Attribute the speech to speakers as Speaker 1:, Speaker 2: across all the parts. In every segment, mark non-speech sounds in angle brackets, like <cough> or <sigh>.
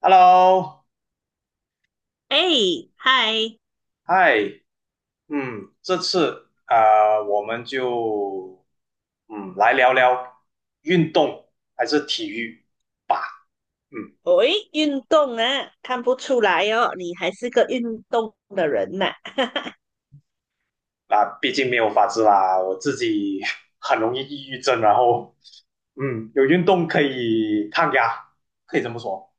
Speaker 1: Hello，
Speaker 2: 哎，嗨，
Speaker 1: 嗨，嗯，这次啊、我们就来聊聊运动还是体育吧。嗯，
Speaker 2: 喂，运动啊，看不出来哦，你还是个运动的人呐、<laughs>
Speaker 1: 啊，毕竟没有法子啦，我自己 <laughs> 很容易抑郁症，然后嗯，有运动可以抗压，可以这么说。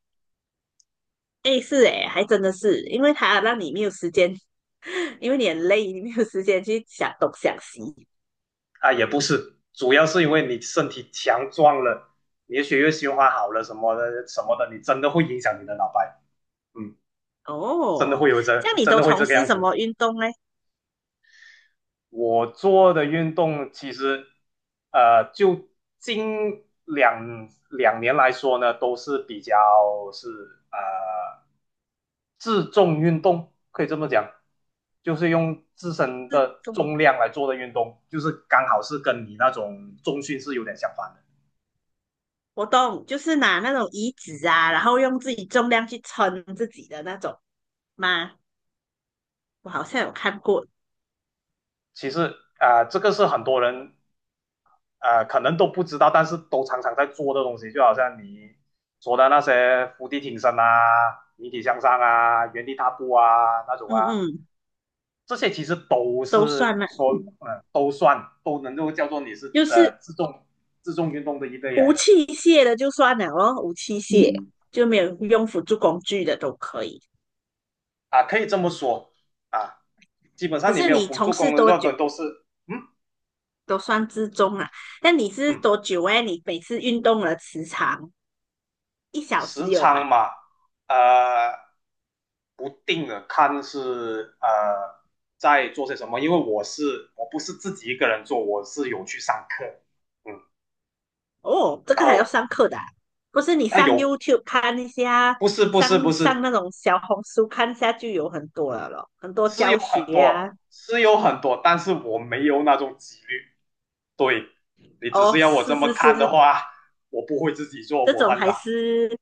Speaker 2: 哎，是哎，还真的是，因为他让你没有时间，<laughs> 因为你很累，你没有时间去想东想西。
Speaker 1: 啊，也不是，主要是因为你身体强壮了，你的血液循环好了什么的，你真的会影响你的脑袋，嗯，真的
Speaker 2: 哦，
Speaker 1: 会有这
Speaker 2: 像你
Speaker 1: 真
Speaker 2: 都
Speaker 1: 的会
Speaker 2: 从
Speaker 1: 这个
Speaker 2: 事
Speaker 1: 样
Speaker 2: 什
Speaker 1: 子。
Speaker 2: 么运动呢？
Speaker 1: 我做的运动其实，就近两年来说呢，都是比较是呃自重运动，可以这么讲，就是用自身
Speaker 2: 是
Speaker 1: 的
Speaker 2: 重，
Speaker 1: 重量来做的运动，就是刚好是跟你那种重训是有点相反的。
Speaker 2: 活动，就是拿那种椅子啊，然后用自己重量去撑自己的那种吗？我好像有看过，
Speaker 1: 其实啊、这个是很多人可能都不知道，但是都常常在做的东西，就好像你说的那些伏地挺身啊、引体向上啊、原地踏步啊那种
Speaker 2: 嗯
Speaker 1: 啊，
Speaker 2: 嗯，
Speaker 1: 这些其实都
Speaker 2: 都算
Speaker 1: 是
Speaker 2: 了，
Speaker 1: 说，都能够叫做你是
Speaker 2: 就是
Speaker 1: 自重运动的一类来
Speaker 2: 无
Speaker 1: 的。
Speaker 2: 器械的就算了咯，无器械就没有用辅助工具的都可以。
Speaker 1: 啊，可以这么说啊。基本
Speaker 2: 可
Speaker 1: 上你
Speaker 2: 是
Speaker 1: 没有
Speaker 2: 你
Speaker 1: 辅
Speaker 2: 从
Speaker 1: 助功
Speaker 2: 事
Speaker 1: 能的时
Speaker 2: 多
Speaker 1: 候，都
Speaker 2: 久
Speaker 1: 都是嗯。
Speaker 2: 都算之中啊？那你是
Speaker 1: 嗯，
Speaker 2: 多久哎？你每次运动的时长一小
Speaker 1: 时
Speaker 2: 时有
Speaker 1: 长
Speaker 2: 吧？
Speaker 1: 嘛，呃，不定的，看是在做些什么，因为我不是自己一个人做，我是有去上课，嗯，
Speaker 2: 哦，这
Speaker 1: 然
Speaker 2: 个还要
Speaker 1: 后
Speaker 2: 上课的啊不是你
Speaker 1: 啊、
Speaker 2: 上
Speaker 1: 有
Speaker 2: YouTube 看一下，
Speaker 1: 不是不是
Speaker 2: 上
Speaker 1: 不
Speaker 2: 上
Speaker 1: 是
Speaker 2: 那种小红书看一下就有很多了咯，很多
Speaker 1: 是有
Speaker 2: 教学
Speaker 1: 很
Speaker 2: 啊。
Speaker 1: 多，是有很多但是我没有那种几率。对，你只
Speaker 2: 哦，
Speaker 1: 是要我这
Speaker 2: 是
Speaker 1: 么
Speaker 2: 是
Speaker 1: 看的
Speaker 2: 是，
Speaker 1: 话，<laughs> 我不会自己做，
Speaker 2: 这
Speaker 1: 我
Speaker 2: 种
Speaker 1: 很
Speaker 2: 还
Speaker 1: 懒。
Speaker 2: 是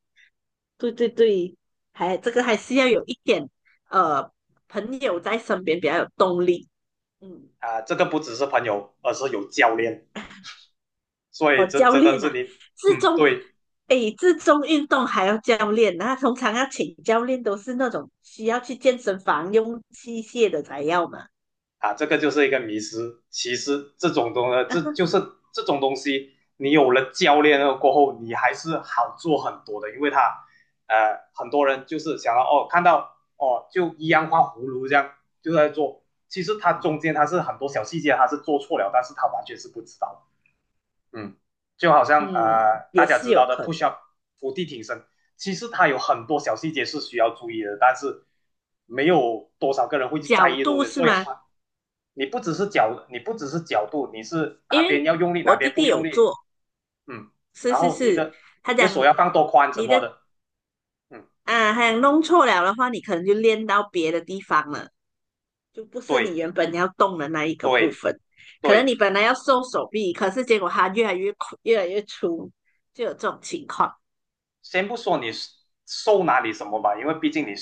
Speaker 2: 对对对，还这个还是要有一点呃朋友在身边比较有动力。嗯，
Speaker 1: 啊、这个不只是朋友，而是有教练，所以
Speaker 2: 哦，
Speaker 1: 这
Speaker 2: 教
Speaker 1: 真的
Speaker 2: 练
Speaker 1: 是
Speaker 2: 啊，
Speaker 1: 你，
Speaker 2: 自
Speaker 1: 嗯，
Speaker 2: 重，
Speaker 1: 对，
Speaker 2: 诶，自重运动还要教练，那通常要请教练都是那种需要去健身房用器械的才要嘛。
Speaker 1: 啊，这个就是一个迷失。其实这种东西，这就是这种东西，你有了教练了过后，你还是好做很多的，因为他很多人就是想要哦，看到哦，就一样画葫芦，这样就在做，其实他中间他是很多小细节他是做错了，但是他完全是不知道。嗯，就好
Speaker 2: 嗯，
Speaker 1: 像
Speaker 2: <laughs>
Speaker 1: 大
Speaker 2: 也
Speaker 1: 家
Speaker 2: 是
Speaker 1: 知
Speaker 2: 有
Speaker 1: 道的
Speaker 2: 可
Speaker 1: 不
Speaker 2: 能
Speaker 1: 需要伏地挺身，其实他有很多小细节是需要注意的，但是没有多少个人会去在
Speaker 2: 角
Speaker 1: 意的东
Speaker 2: 度
Speaker 1: 西，
Speaker 2: 是
Speaker 1: 所以
Speaker 2: 吗？
Speaker 1: 很你不只是角度，你是哪
Speaker 2: 因
Speaker 1: 边
Speaker 2: 为
Speaker 1: 要用力，哪
Speaker 2: 我弟
Speaker 1: 边不
Speaker 2: 弟
Speaker 1: 用
Speaker 2: 有
Speaker 1: 力，
Speaker 2: 做，
Speaker 1: 嗯，
Speaker 2: 是
Speaker 1: 然
Speaker 2: 是
Speaker 1: 后
Speaker 2: 是，他
Speaker 1: 你的
Speaker 2: 讲
Speaker 1: 手要放多宽什
Speaker 2: 你
Speaker 1: 么
Speaker 2: 的
Speaker 1: 的，嗯，
Speaker 2: 他讲弄错了的话，你可能就练到别的地方了。就不是
Speaker 1: 对
Speaker 2: 你原本你要动的那一个部
Speaker 1: 对
Speaker 2: 分。可能
Speaker 1: 对，
Speaker 2: 你本来要瘦手臂，可是结果它越来越粗，就有这种情况
Speaker 1: 先不说你瘦哪里什么吧，因为毕竟你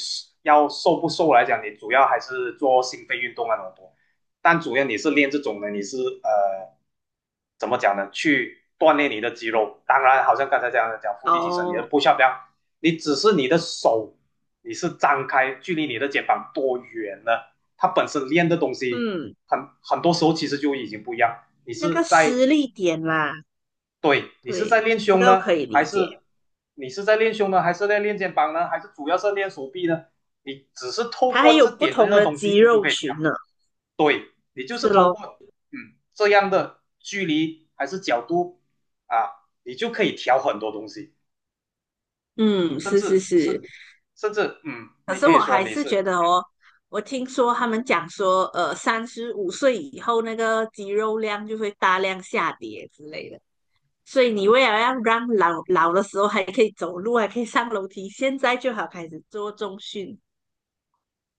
Speaker 1: 要瘦不瘦来讲，你主要还是做心肺运动啊那种多。但主要你是练这种的，你是怎么讲呢？去锻炼你的肌肉。当然，好像刚才这样的讲腹地提升，你的
Speaker 2: 哦。
Speaker 1: 不需要不样，你只是你的手你是张开，距离你的肩膀多远呢？它本身练的东西
Speaker 2: 嗯，
Speaker 1: 很多时候其实就已经不一样。你
Speaker 2: 那个
Speaker 1: 是在
Speaker 2: 施力点啦，
Speaker 1: 对你是在
Speaker 2: 对，
Speaker 1: 练
Speaker 2: 这
Speaker 1: 胸
Speaker 2: 个我
Speaker 1: 呢，
Speaker 2: 可以
Speaker 1: 还
Speaker 2: 理解。
Speaker 1: 是在练肩膀呢，还是主要是练手臂呢？你只是透
Speaker 2: 它还
Speaker 1: 过
Speaker 2: 有
Speaker 1: 这
Speaker 2: 不
Speaker 1: 点这样
Speaker 2: 同
Speaker 1: 的
Speaker 2: 的
Speaker 1: 东
Speaker 2: 肌
Speaker 1: 西，你就
Speaker 2: 肉
Speaker 1: 可以调。
Speaker 2: 群呢，
Speaker 1: 对，你就是
Speaker 2: 是
Speaker 1: 透
Speaker 2: 咯，
Speaker 1: 过嗯这样的距离还是角度啊，你就可以调很多东西，
Speaker 2: 嗯，
Speaker 1: 甚
Speaker 2: 是
Speaker 1: 至
Speaker 2: 是是。
Speaker 1: 是甚至嗯，
Speaker 2: 可
Speaker 1: 你
Speaker 2: 是
Speaker 1: 可
Speaker 2: 我
Speaker 1: 以说
Speaker 2: 还
Speaker 1: 你
Speaker 2: 是
Speaker 1: 是
Speaker 2: 觉得
Speaker 1: 嗯。
Speaker 2: 哦，我听说他们讲说，35岁以后那个肌肉量就会大量下跌之类的。所以你为了要让老老的时候还可以走路，还可以上楼梯，现在就好开始做中训，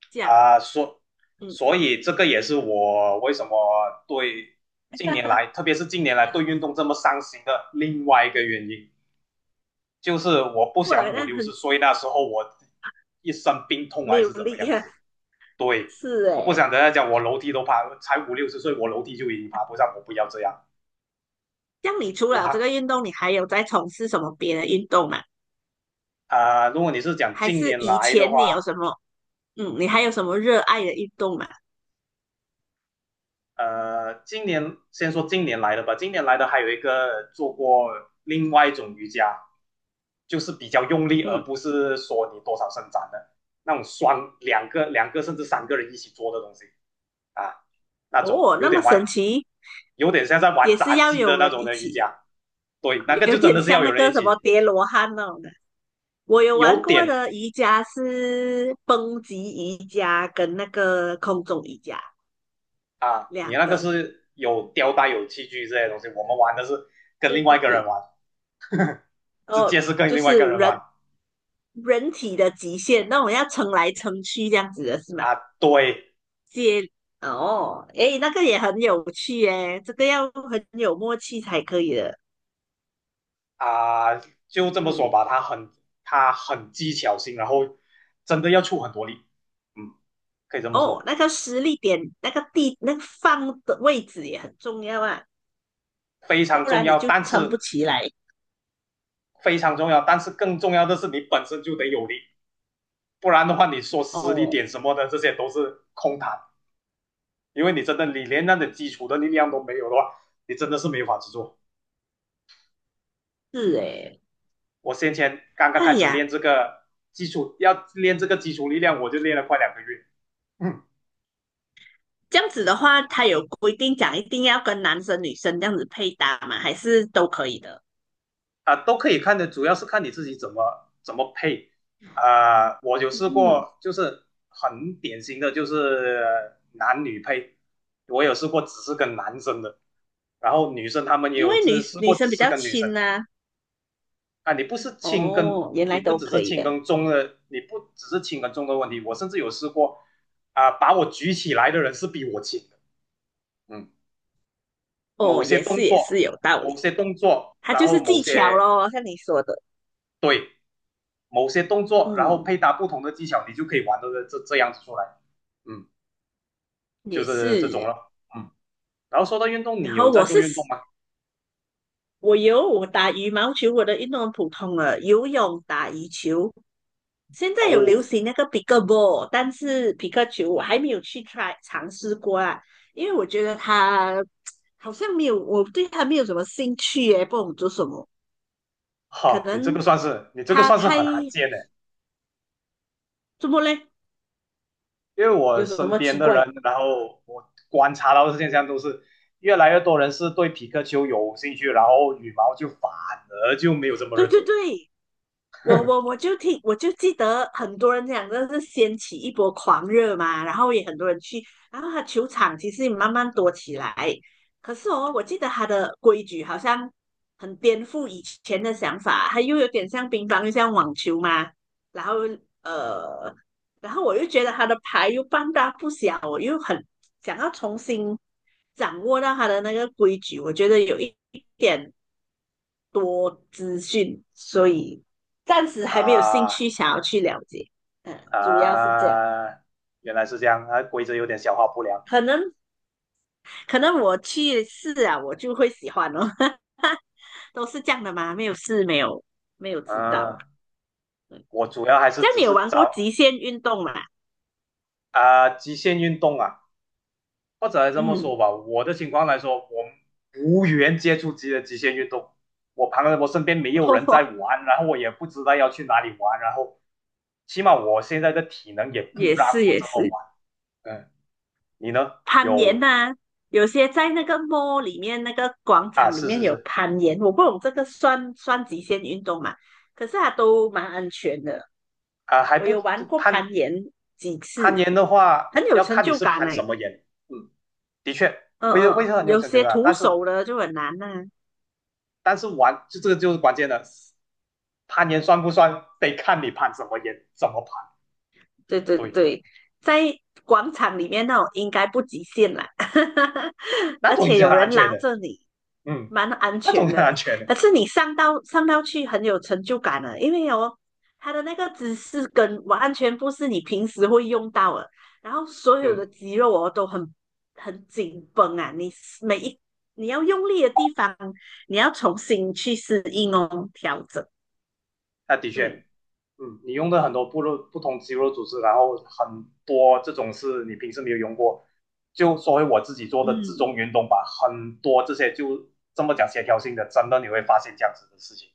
Speaker 2: 这样，
Speaker 1: 啊，
Speaker 2: 嗯，
Speaker 1: 所以这个也是我为什么对近年来，特别是近年来对运动这么上心的另外一个原因。就是我不
Speaker 2: 我
Speaker 1: 想五
Speaker 2: 那
Speaker 1: 六
Speaker 2: 很
Speaker 1: 十岁那时候我一身病痛
Speaker 2: 没
Speaker 1: 还
Speaker 2: 有
Speaker 1: 是怎么
Speaker 2: 力
Speaker 1: 样
Speaker 2: 啊，
Speaker 1: 子。
Speaker 2: <laughs>
Speaker 1: 对，
Speaker 2: 是
Speaker 1: 我不想
Speaker 2: 诶。
Speaker 1: 等下讲我楼梯都爬，才五六十岁我楼梯就已经爬不上，我不要这样。
Speaker 2: 像你除
Speaker 1: 我
Speaker 2: 了这
Speaker 1: 还
Speaker 2: 个运动，你还有在从事什么别的运动吗？
Speaker 1: 啊、如果你是讲
Speaker 2: 还
Speaker 1: 近
Speaker 2: 是
Speaker 1: 年
Speaker 2: 以
Speaker 1: 来的
Speaker 2: 前
Speaker 1: 话，
Speaker 2: 你有什么，嗯，你还有什么热爱的运动吗？
Speaker 1: 今年先说今年来的吧，今年来的还有一个做过另外一种瑜伽，就是比较用力，而
Speaker 2: 嗯，
Speaker 1: 不是说你多少伸展的那种双两个甚至三个人一起做的东西啊，那种
Speaker 2: 哦，
Speaker 1: 有
Speaker 2: 那么
Speaker 1: 点弯。
Speaker 2: 神奇，
Speaker 1: 有点像在玩
Speaker 2: 也是
Speaker 1: 杂
Speaker 2: 要
Speaker 1: 技的
Speaker 2: 有
Speaker 1: 那
Speaker 2: 人
Speaker 1: 种
Speaker 2: 一
Speaker 1: 的瑜
Speaker 2: 起，
Speaker 1: 伽。对，那个
Speaker 2: 有
Speaker 1: 就真
Speaker 2: 点
Speaker 1: 的是
Speaker 2: 像
Speaker 1: 要
Speaker 2: 那
Speaker 1: 有人
Speaker 2: 个
Speaker 1: 一
Speaker 2: 什么
Speaker 1: 起，
Speaker 2: 叠罗汉那种的。我有
Speaker 1: 有
Speaker 2: 玩过
Speaker 1: 点。
Speaker 2: 的瑜伽是蹦极瑜伽跟那个空中瑜伽
Speaker 1: 啊，你
Speaker 2: 两
Speaker 1: 那个
Speaker 2: 个，
Speaker 1: 是有吊带、有器具这些东西，我们玩的是跟
Speaker 2: 对
Speaker 1: 另外
Speaker 2: 对
Speaker 1: 一个人
Speaker 2: 对，
Speaker 1: 玩，直
Speaker 2: 哦，
Speaker 1: 接是跟
Speaker 2: 就
Speaker 1: 另外一个
Speaker 2: 是
Speaker 1: 人玩
Speaker 2: 人体的极限，那我要撑来撑去这样子的是吗？
Speaker 1: 啊。对
Speaker 2: 接哦，诶，那个也很有趣诶，这个要很有默契才可以的。
Speaker 1: 啊，就这么说
Speaker 2: 嗯，
Speaker 1: 吧，他很技巧性，然后真的要出很多力，嗯，可以这么
Speaker 2: 哦，
Speaker 1: 说，
Speaker 2: 那个施力点，那个地，那个放的位置也很重要啊，
Speaker 1: 非常
Speaker 2: 不
Speaker 1: 重
Speaker 2: 然你
Speaker 1: 要，
Speaker 2: 就
Speaker 1: 但
Speaker 2: 撑
Speaker 1: 是
Speaker 2: 不起来。
Speaker 1: 非常重要，但是更重要的是你本身就得有力，不然的话，你说实力
Speaker 2: 哦，
Speaker 1: 点什么的，这些都是空谈。因为你真的你连那种基础的力量都没有的话，你真的是没法子做。
Speaker 2: 是诶，
Speaker 1: 我先前刚刚
Speaker 2: 哎
Speaker 1: 开始
Speaker 2: 呀，
Speaker 1: 练这个基础，要练这个基础力量，我就练了快两个月。嗯，
Speaker 2: 这样子的话，他有规定讲一定要跟男生女生这样子配搭吗？还是都可以的？
Speaker 1: 啊，都可以看的，主要是看你自己怎么配。啊、我有试
Speaker 2: 嗯，
Speaker 1: 过，就是很典型的就是男女配，我有试过只是跟男生的，然后女生他们也
Speaker 2: 因为
Speaker 1: 有试
Speaker 2: 女
Speaker 1: 试
Speaker 2: 女
Speaker 1: 过
Speaker 2: 生
Speaker 1: 只
Speaker 2: 比
Speaker 1: 是
Speaker 2: 较
Speaker 1: 跟女生，
Speaker 2: 轻啊。
Speaker 1: 啊，你不是轻跟，
Speaker 2: 哦，原来都可以的。
Speaker 1: 你不只是轻跟重的问题。我甚至有试过，啊，把我举起来的人是比我轻的。嗯，某
Speaker 2: 哦，
Speaker 1: 些
Speaker 2: 也是
Speaker 1: 动
Speaker 2: 也是
Speaker 1: 作，
Speaker 2: 有道
Speaker 1: 某
Speaker 2: 理，
Speaker 1: 些动作，
Speaker 2: 它
Speaker 1: 然
Speaker 2: 就
Speaker 1: 后
Speaker 2: 是
Speaker 1: 某
Speaker 2: 技巧
Speaker 1: 些
Speaker 2: 咯，像你说的。
Speaker 1: 对，某些动作，然后
Speaker 2: 嗯，
Speaker 1: 配搭不同的技巧，你就可以玩的这样子出来。嗯，就
Speaker 2: 也
Speaker 1: 是这种
Speaker 2: 是。
Speaker 1: 了。嗯，然后说到运动，
Speaker 2: 然
Speaker 1: 你有
Speaker 2: 后
Speaker 1: 在
Speaker 2: 我
Speaker 1: 做
Speaker 2: 是
Speaker 1: 运动吗？
Speaker 2: 我有我打羽毛球，我的运动很普通了，游泳、打羽球，现在有流
Speaker 1: 哦，
Speaker 2: 行那个 PIC 但是皮克球我还没有去 try 尝试过啊，因为我觉得它好像没有，我对它没有什么兴趣耶，不懂做什么，可
Speaker 1: 哈，
Speaker 2: 能
Speaker 1: 你这个
Speaker 2: 它
Speaker 1: 算是
Speaker 2: 太
Speaker 1: 很罕见的。
Speaker 2: 怎么嘞？
Speaker 1: 因为我
Speaker 2: 有什
Speaker 1: 身
Speaker 2: 么
Speaker 1: 边
Speaker 2: 奇
Speaker 1: 的
Speaker 2: 怪？
Speaker 1: 人，然后我观察到的现象都是，越来越多人是对皮克球有兴趣，然后羽毛就反而就没有这么热
Speaker 2: 对对
Speaker 1: 衷了
Speaker 2: 对，我就听，我就记得很多人讲，这是掀起一波狂热嘛，然后也很多人去，然后他球场其实也慢慢多起来。可是哦，我记得他的规矩好像很颠覆以前的想法，他又有点像乒乓，又像网球嘛。然后呃，然后我又觉得他的牌又半大不小，我又很想要重新掌握到他的那个规矩，我觉得有一点多资讯，所以暂时还没有兴
Speaker 1: 啊。
Speaker 2: 趣想要去了解。嗯，主要是这样。
Speaker 1: 啊！原来是这样啊，规则有点消化不良。
Speaker 2: 可能可能我去试啊，我就会喜欢哦。<laughs> 都是这样的吗？没有试，没有知道。
Speaker 1: 嗯、我主要还是
Speaker 2: 这样
Speaker 1: 只
Speaker 2: 你有
Speaker 1: 是
Speaker 2: 玩过极
Speaker 1: 找。
Speaker 2: 限运动吗？
Speaker 1: 啊极限运动啊，或者这么说
Speaker 2: 嗯，
Speaker 1: 吧，我的情况来说，我无缘接触极限运动，我身边没有人在
Speaker 2: 哦，
Speaker 1: 玩，然后我也不知道要去哪里玩，然后起码我现在的体能也不
Speaker 2: 也
Speaker 1: 让
Speaker 2: 是
Speaker 1: 我
Speaker 2: 也
Speaker 1: 这么
Speaker 2: 是。
Speaker 1: 玩。嗯，你呢？
Speaker 2: 攀岩
Speaker 1: 有
Speaker 2: 呐、有些在那个 mall 里面那个广
Speaker 1: 啊，
Speaker 2: 场里
Speaker 1: 是
Speaker 2: 面
Speaker 1: 是
Speaker 2: 有
Speaker 1: 是。
Speaker 2: 攀岩，我不懂这个算算极限运动嘛？可是它都蛮安全的，
Speaker 1: 啊，还
Speaker 2: 我
Speaker 1: 不
Speaker 2: 有
Speaker 1: 这
Speaker 2: 玩过
Speaker 1: 攀
Speaker 2: 攀岩几
Speaker 1: 攀
Speaker 2: 次，
Speaker 1: 岩的话，
Speaker 2: 很有
Speaker 1: 要
Speaker 2: 成
Speaker 1: 看你
Speaker 2: 就
Speaker 1: 是
Speaker 2: 感
Speaker 1: 攀什
Speaker 2: 哎、
Speaker 1: 么岩。嗯，的确
Speaker 2: 嗯
Speaker 1: 会
Speaker 2: 嗯，
Speaker 1: 会很有
Speaker 2: 有
Speaker 1: 成就
Speaker 2: 些
Speaker 1: 的，但
Speaker 2: 徒
Speaker 1: 是
Speaker 2: 手的就很难呐、
Speaker 1: 但是玩就这个就是关键的，攀岩算不算得看你攀什么岩，怎么攀。
Speaker 2: 对对
Speaker 1: 对。
Speaker 2: 对，在广场里面那种应该不极限啦，<laughs>
Speaker 1: 那
Speaker 2: 而
Speaker 1: 种也
Speaker 2: 且
Speaker 1: 是很
Speaker 2: 有
Speaker 1: 安
Speaker 2: 人
Speaker 1: 全
Speaker 2: 拉
Speaker 1: 的，
Speaker 2: 着你，
Speaker 1: 嗯，
Speaker 2: 蛮安
Speaker 1: 那种
Speaker 2: 全
Speaker 1: 很安
Speaker 2: 的。
Speaker 1: 全
Speaker 2: 可
Speaker 1: 的，
Speaker 2: 是你上到去很有成就感的，因为哦，它的那个姿势跟完全不是你平时会用到的，然后所有
Speaker 1: 嗯，
Speaker 2: 的肌肉哦都很紧绷啊，你每一你要用力的地方，你要重新去适应哦，调整。
Speaker 1: 那的确，
Speaker 2: 对，
Speaker 1: 嗯，你用的很多部落不同肌肉组织，然后很多这种是你平时没有用过，就说回我自己做的自
Speaker 2: 嗯。
Speaker 1: 重运动吧，很多这些就这么讲协调性的，真的你会发现这样子的事情，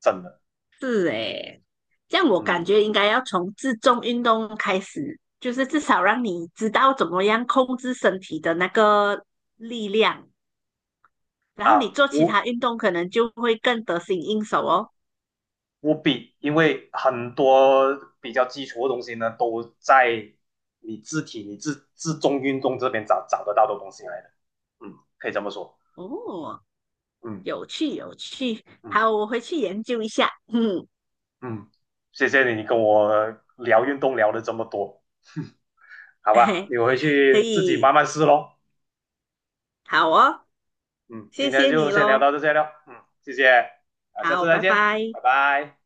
Speaker 1: 真的，
Speaker 2: 是诶，这样我感
Speaker 1: 嗯，
Speaker 2: 觉应该要从自重运动开始，就是至少让你知道怎么样控制身体的那个力量，然后你
Speaker 1: 啊，
Speaker 2: 做其他运动可能就会更得心应手哦。
Speaker 1: 无比，因为很多比较基础的东西呢，都在你自体、你自重运动这边找得到的东西来的，嗯，可以这么说。
Speaker 2: 哦，
Speaker 1: 嗯。
Speaker 2: 有趣有趣，
Speaker 1: 嗯
Speaker 2: 好，我回去研究一下。嗯，
Speaker 1: 嗯，谢谢你跟我聊运动聊了这么多，
Speaker 2: <laughs>
Speaker 1: 好吧，
Speaker 2: 嘿，
Speaker 1: 你回
Speaker 2: 可
Speaker 1: 去自己
Speaker 2: 以，
Speaker 1: 慢慢试咯。
Speaker 2: 好哦，
Speaker 1: 嗯，今
Speaker 2: 谢
Speaker 1: 天
Speaker 2: 谢
Speaker 1: 就
Speaker 2: 你
Speaker 1: 先聊
Speaker 2: 喽，
Speaker 1: 到这些了。嗯，谢谢，啊，下次
Speaker 2: 好，
Speaker 1: 再
Speaker 2: 拜
Speaker 1: 见，
Speaker 2: 拜。
Speaker 1: 拜拜。